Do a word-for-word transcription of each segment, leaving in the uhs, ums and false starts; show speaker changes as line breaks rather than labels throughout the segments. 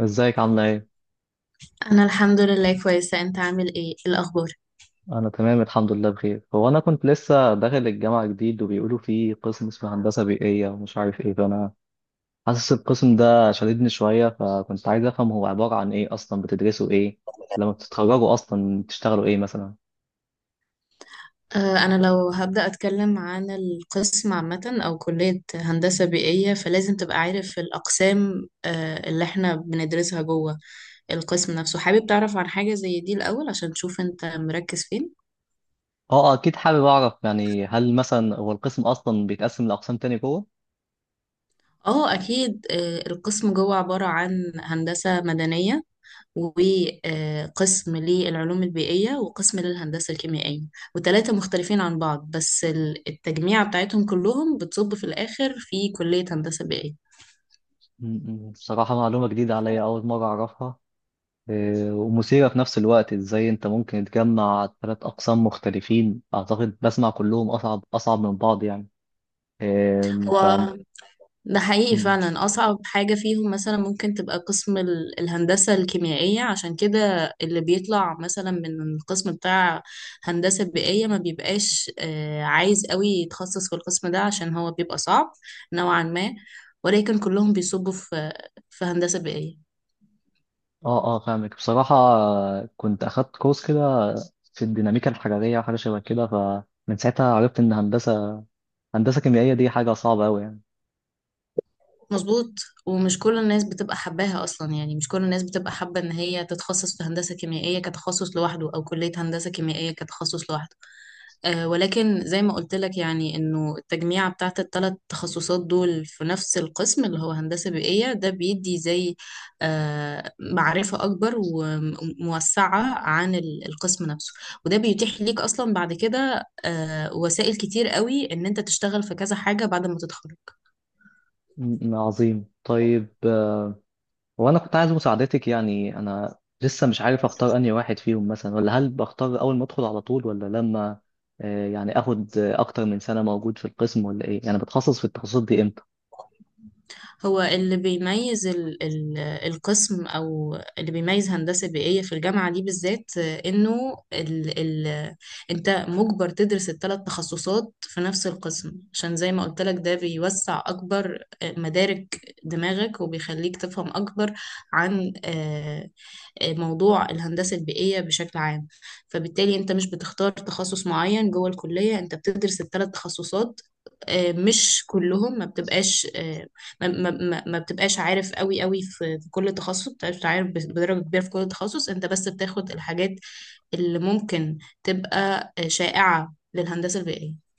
ازيك عاملة ايه؟
أنا الحمد لله كويسة، أنت عامل إيه؟ إيه الأخبار؟
أنا تمام الحمد لله بخير. هو أنا كنت لسه داخل الجامعة جديد وبيقولوا فيه قسم اسمه هندسة بيئية ومش عارف ايه، فأنا حاسس القسم ده شددني شوية، فكنت عايز أفهم هو عبارة عن ايه أصلا، بتدرسوا ايه؟ لما بتتخرجوا أصلا بتشتغلوا ايه مثلا؟
آه أنا لو هبدأ أتكلم عن القسم عامة أو كلية هندسة بيئية، فلازم تبقى عارف الأقسام آه اللي إحنا بندرسها جوه القسم نفسه. حابب تعرف عن حاجة زي دي الأول عشان تشوف أنت مركز فين؟
اه أكيد حابب أعرف، يعني هل مثلا هو القسم أصلا بيتقسم لأقسام تاني جوه؟
اه اكيد، آه، القسم جوه عبارة عن هندسة مدنية، وقسم للعلوم البيئية، وقسم للهندسة الكيميائية. وتلاتة مختلفين عن بعض، بس ال- التجميع بتاعتهم كلهم بتصب في الآخر في كلية هندسة بيئية.
م- م، بصراحة معلومة جديدة عليا، أول مرة أعرفها. آه، ومثيرة في نفس الوقت، ازاي انت ممكن تجمع ثلاث اقسام مختلفين، اعتقد بسمع كلهم اصعب اصعب من بعض يعني. آم، ف
هو ده حقيقي
م.
فعلا أصعب حاجة فيهم، مثلا ممكن تبقى قسم ال- الهندسة الكيميائية، عشان كده اللي بيطلع مثلا من القسم بتاع هندسة بيئية ما بيبقاش آه، عايز قوي يتخصص في القسم ده، عشان هو بيبقى صعب نوعا ما. ولكن كلهم بيصبوا في في هندسة بيئية.
اه اه، فاهمك. بصراحة آه، كنت اخدت كورس كده في الديناميكا الحرارية، حاجة شبه كده، فمن ساعتها عرفت ان هندسة هندسة كيميائية دي حاجة صعبة أوي يعني.
مظبوط، ومش كل الناس بتبقى حباها اصلا، يعني مش كل الناس بتبقى حابه ان هي تتخصص في هندسه كيميائيه كتخصص لوحده، او كليه هندسه كيميائيه كتخصص لوحده. أه ولكن زي ما قلت لك، يعني انه التجميعه بتاعت الثلاث تخصصات دول في نفس القسم، اللي هو هندسه بيئيه، ده بيدي زي أه معرفه اكبر وموسعه عن ال- القسم نفسه. وده بيتيح ليك اصلا بعد كده أه وسائل كتير قوي ان انت تشتغل في كذا حاجه بعد ما تتخرج.
م- م- عظيم. طيب وانا كنت عايز مساعدتك، يعني انا لسه مش عارف اختار انهي واحد فيهم مثلا، ولا هل بختار اول ما ادخل على طول، ولا لما آه، يعني اخد آه، اكتر من سنة موجود في القسم ولا ايه؟ يعني بتخصص في التخصصات دي امتى؟
هو اللي بيميز ال ال القسم، او اللي بيميز هندسه بيئيه في الجامعه دي بالذات، آه، انه ال ال انت مجبر تدرس الثلاث تخصصات في نفس القسم. عشان زي ما قلت لك، ده بيوسع اكبر آه، مدارك دماغك، وبيخليك تفهم اكبر عن آه، موضوع الهندسة البيئية بشكل عام. فبالتالي انت مش بتختار تخصص معين جوه الكلية، انت بتدرس الثلاث تخصصات. آه، مش كلهم، ما بتبقاش آه، ما, ما, ما ما بتبقاش عارف قوي قوي في في كل تخصص، بتبقاش عارف بدرجة كبيرة في كل تخصص، انت بس بتاخد الحاجات اللي ممكن تبقى آه، شائعة للهندسة البيئية.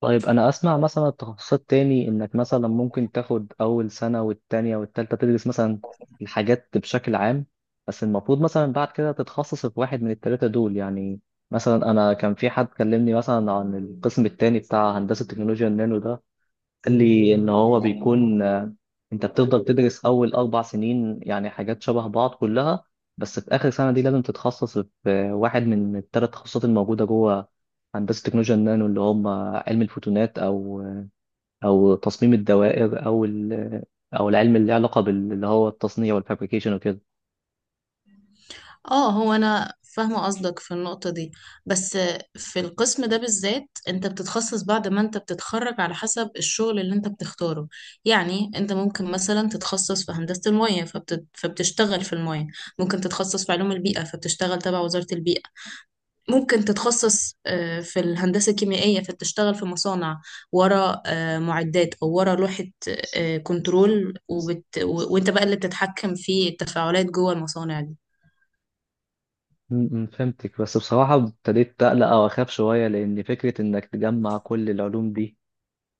طيب انا اسمع مثلا التخصصات تاني، انك مثلا ممكن تاخد اول سنة والتانية والتالتة تدرس مثلا الحاجات بشكل عام، بس المفروض مثلا بعد كده تتخصص في واحد من التلاتة دول يعني. مثلا انا كان في حد كلمني مثلا عن القسم التاني بتاع هندسة تكنولوجيا النانو ده، قال لي ان هو بيكون آه، انت بتفضل تدرس اول اربع سنين يعني حاجات شبه بعض كلها، بس في اخر سنه دي لازم تتخصص في آه، واحد من الثلاث تخصصات الموجوده جوه هندسه تكنولوجيا النانو، اللي هم علم الفوتونات او او تصميم الدوائر او ال- او العلم اللي له علاقه بال- اللي هو التصنيع والفابريكيشن وكده.
اه، هو انا فاهمه قصدك في النقطه دي، بس في القسم ده بالذات انت بتتخصص بعد ما انت بتتخرج، على حسب الشغل اللي انت بتختاره. يعني انت ممكن مثلا تتخصص في هندسه المياه، فبت... فبتشتغل في المياه. ممكن تتخصص في علوم البيئه فبتشتغل تبع وزاره البيئه. ممكن تتخصص آه، في الهندسه الكيميائيه فبتشتغل في مصانع ورا آه، معدات، او ورا لوحه آه، كنترول، وبت... و... وانت بقى اللي بتتحكم في التفاعلات جوه المصانع دي.
م- م، فهمتك. بس بصراحه ابتديت اقلق او اخاف شويه، لان فكره انك تجمع كل العلوم دي،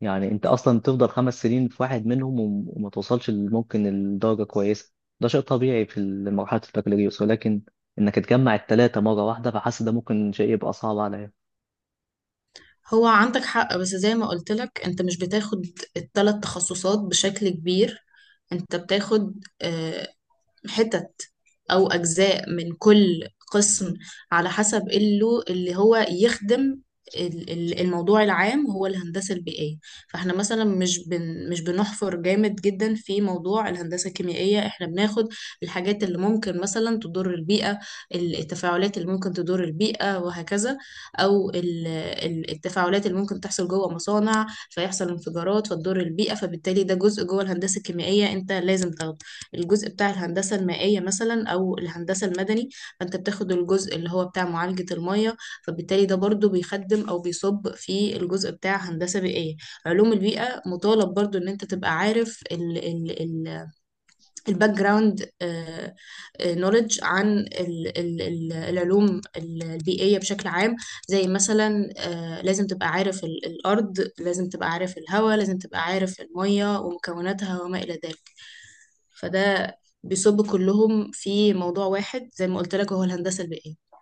يعني انت اصلا تفضل خمس سنين في واحد منهم وم- وما توصلش ل- ممكن لدرجه كويسه، ده شيء طبيعي في ال- مرحله البكالوريوس، ولكن انك تجمع الثلاثه مره واحده، فحاسس ده ممكن شيء يبقى صعب عليا.
هو عندك حق، بس زي ما قلت لك انت مش بتاخد الثلاث تخصصات بشكل كبير، انت بتاخد آه، حتت أو أجزاء من كل قسم، على حسب اللي اللي هو يخدم ال- ال- الموضوع العام، هو الهندسة البيئية. فاحنا مثلا مش بن مش بنحفر جامد جدا في موضوع الهندسة الكيميائية، احنا بناخد الحاجات اللي ممكن مثلا تضر البيئة، التفاعلات اللي ممكن تضر البيئة وهكذا. أو ال- ال- التفاعلات اللي ممكن تحصل جوه مصانع فيحصل انفجارات فتضر البيئة، فبالتالي ده جزء جوه الهندسة الكيميائية انت لازم تاخده. الجزء بتاع الهندسة المائية مثلا أو الهندسة المدني، فأنت بتاخد الجزء اللي هو بتاع معالجة المية، فبالتالي ده برضو بيخدم أو بيصب في الجزء بتاع هندسة بيئية. علوم البيئة مطالب برضو إن أنت تبقى عارف ال ال ال الباك جراوند نولج عن ال ال ال العلوم ال- البيئية بشكل عام، زي مثلا آه، لازم تبقى عارف ال- الأرض، لازم تبقى عارف الهواء، لازم تبقى عارف المية ومكوناتها وما إلى ذلك. فده بيصب كلهم في موضوع واحد زي ما قلت لك، هو الهندسة البيئية.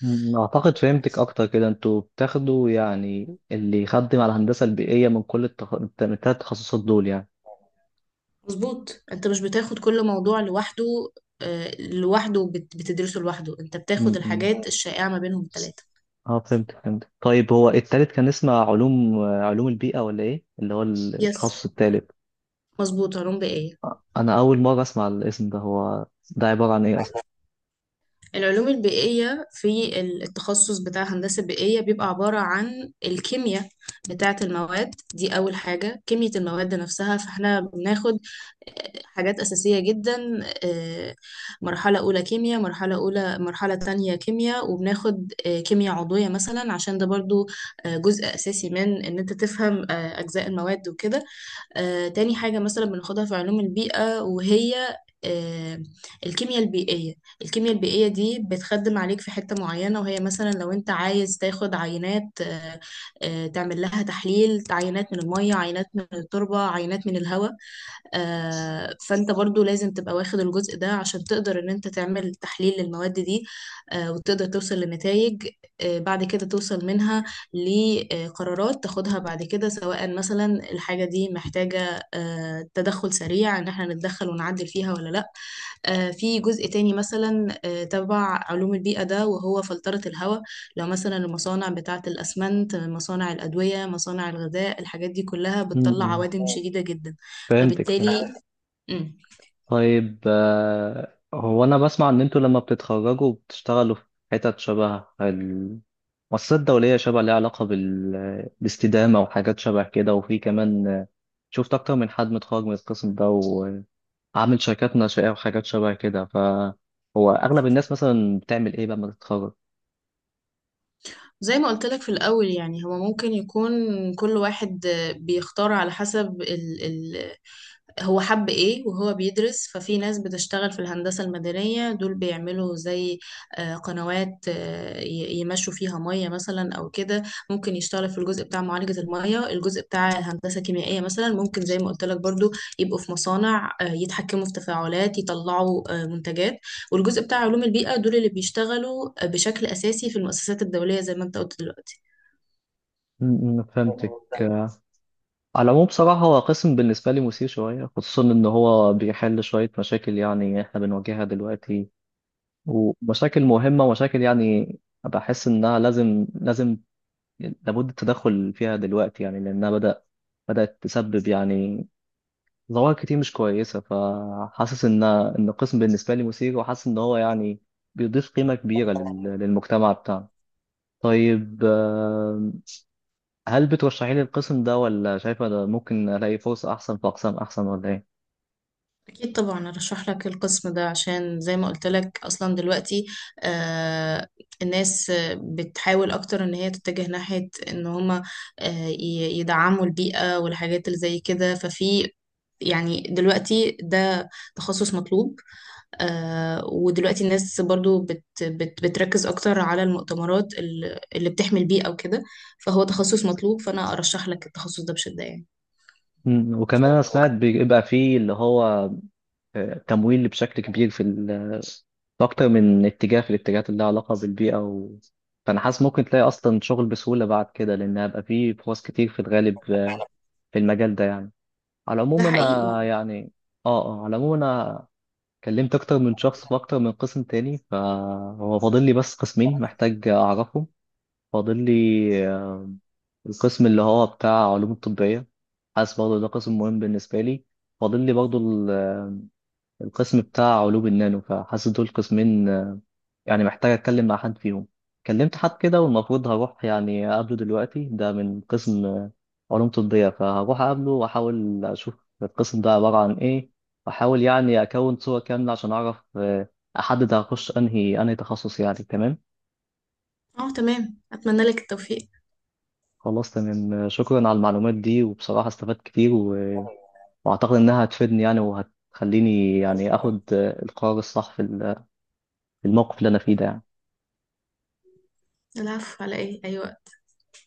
مم، اعتقد فهمتك اكتر كده. انتوا بتاخدوا يعني اللي يخدم على الهندسه البيئيه من كل التخ... الت- من الثلاث تخصصات دول يعني.
مظبوط، انت مش بتاخد كل موضوع لوحده آه، لوحده، بت- بتدرسه لوحده، انت بتاخد
امم،
الحاجات الشائعة ما بينهم الثلاثة.
اه فهمت فهمت. طيب هو التالت كان اسمه علوم، علوم البيئه ولا ايه اللي هو
يس،
التخصص التالت؟
مظبوط، علوم بيئية.
انا اول مره اسمع الاسم ده، هو ده عباره عن ايه؟
العلوم البيئية في التخصص بتاع هندسة بيئية بيبقى عبارة عن الكيمياء بتاعة المواد دي. أول حاجة كيمياء المواد نفسها، فاحنا بناخد حاجات أساسية جدا، آه، مرحلة أولى كيمياء، مرحلة أولى مرحلة تانية كيمياء، وبناخد آه، كيمياء عضوية مثلا، عشان ده برضو آه، جزء أساسي من إن أنت تفهم آه، أجزاء المواد وكده. آه، تاني حاجة مثلا بناخدها في علوم البيئة وهي آه، الكيمياء البيئية. الكيمياء البيئية دي بتخدم عليك في حتة معينة، وهي مثلا لو انت عايز تاخد عينات آه، آه، تعمل لها تحليل، عينات من المية، عينات من التربة، عينات من الهواء. آه، فانت برضو لازم تبقى واخد الجزء ده عشان تقدر ان انت تعمل تحليل للمواد دي، آه، وتقدر توصل لنتائج، آه، بعد كده توصل منها لقرارات تاخدها بعد كده، سواء مثلا الحاجة دي محتاجة آه، تدخل سريع ان احنا نتدخل ونعدل فيها ولا لا. آه، في جزء تاني مثلا آه، تبع علوم البيئة ده، وهو فلترة الهواء. لو مثلا المصانع بتاعة الأسمنت، مصانع الأدوية، مصانع الغذاء، الحاجات دي كلها
م-
بتطلع
م.
عوادم اه شديدة جدا.
فهمتك فهمت.
فبالتالي مم.
طيب آه، هو انا بسمع ان انتوا لما بتتخرجوا بتشتغلوا في حتت شبه ال- المؤسسات الدولية، شبه ليها علاقة بال... بالاستدامة وحاجات شبه كده، وفي كمان آه، شفت أكتر من حد متخرج من القسم ده وعامل شركات ناشئة وحاجات شبه كده، فهو أغلب الناس مثلا بتعمل إيه لما تتخرج؟
زي ما قلت لك في الأول، يعني هو ممكن يكون كل واحد بيختار على حسب هو حب ايه وهو بيدرس. ففي ناس بتشتغل في الهندسة المدنية، دول بيعملوا زي آه، قنوات آه، ي- يمشوا فيها مية مثلا او كده. ممكن يشتغل في الجزء بتاع معالجة المية. الجزء بتاع الهندسة الكيميائية مثلا ممكن زي ما قلت لك برضو يبقوا في مصانع آه، يتحكموا في تفاعلات، يطلعوا آه، منتجات. والجزء بتاع علوم البيئة دول اللي بيشتغلوا آه، بشكل اساسي في المؤسسات الدولية، زي ما انت قلت دلوقتي.
م- م، فهمتك. على العموم بصراحة هو قسم بالنسبة لي مثير شوية، خصوصا إن هو بيحل شوية مشاكل يعني إحنا بنواجهها دلوقتي، ومشاكل مهمة، مشاكل يعني بحس إنها لازم لازم لابد التدخل فيها دلوقتي، يعني لأنها بدأ بدأت تسبب يعني ظواهر كتير مش كويسة، فحاسس إن إن القسم بالنسبة لي مثير، وحاسس إن هو يعني بيضيف قيمة كبيرة لل- للمجتمع بتاعنا. طيب آه، هل بترشحي لي القسم ده، ولا شايفة ده ممكن ألاقي فرصة أحسن في أقسام أحسن ولا إيه؟
أكيد طبعا أرشح لك القسم ده، عشان زي ما قلت لك أصلا دلوقتي آه الناس آه، بتحاول أكتر إن هي تتجه ناحية إن هما آه ي- يدعموا البيئة والحاجات اللي زي كده. ففي، يعني دلوقتي ده تخصص مطلوب. آه ودلوقتي الناس برضو بت بت بتركز أكتر على المؤتمرات ال- اللي بتحمي البيئة وكده. فهو تخصص مطلوب، فأنا أرشح لك التخصص ده بشدة يعني.
مم، وكمان أنا سمعت بيبقى فيه اللي هو آه، تمويل بشكل كبير في ال- في اكتر من اتجاه، في الاتجاهات اللي لها علاقه بالبيئه و... فانا حاسس ممكن تلاقي اصلا شغل بسهوله بعد كده، لان هيبقى فيه فرص كتير في الغالب آه، في المجال ده يعني. على
ده
العموم
حقيقي.
انا يعني اه اه، على العموم انا كلمت اكتر من شخص في اكتر من قسم تاني، فهو فاضل لي بس قسمين محتاج اعرفهم. فاضل لي آه، القسم اللي هو بتاع علوم الطبيه، حاسس برضه ده قسم مهم بالنسبه لي، فاضل لي برضه القسم بتاع علوم النانو، فحاسس دول قسمين آه، يعني محتاج اتكلم مع حد فيهم. كلمت حد كده والمفروض هروح يعني اقابله دلوقتي، ده من قسم آه، علوم طبية، فهروح اقابله واحاول اشوف القسم ده عبارة عن ايه، واحاول يعني اكون صورة كاملة عشان اعرف آه، احدد هخش انهي انهي تخصص يعني. تمام
اه تمام، أتمنى لك التوفيق.
خلاص تمام. آه، شكرا على المعلومات دي، وبصراحة استفدت كتير و... واعتقد انها هتفيدني يعني، وهتخليني يعني اخد آه، القرار الصح في ال- في الموقف اللي انا فيه ده يعني.
العفو، على ايه، ايوه.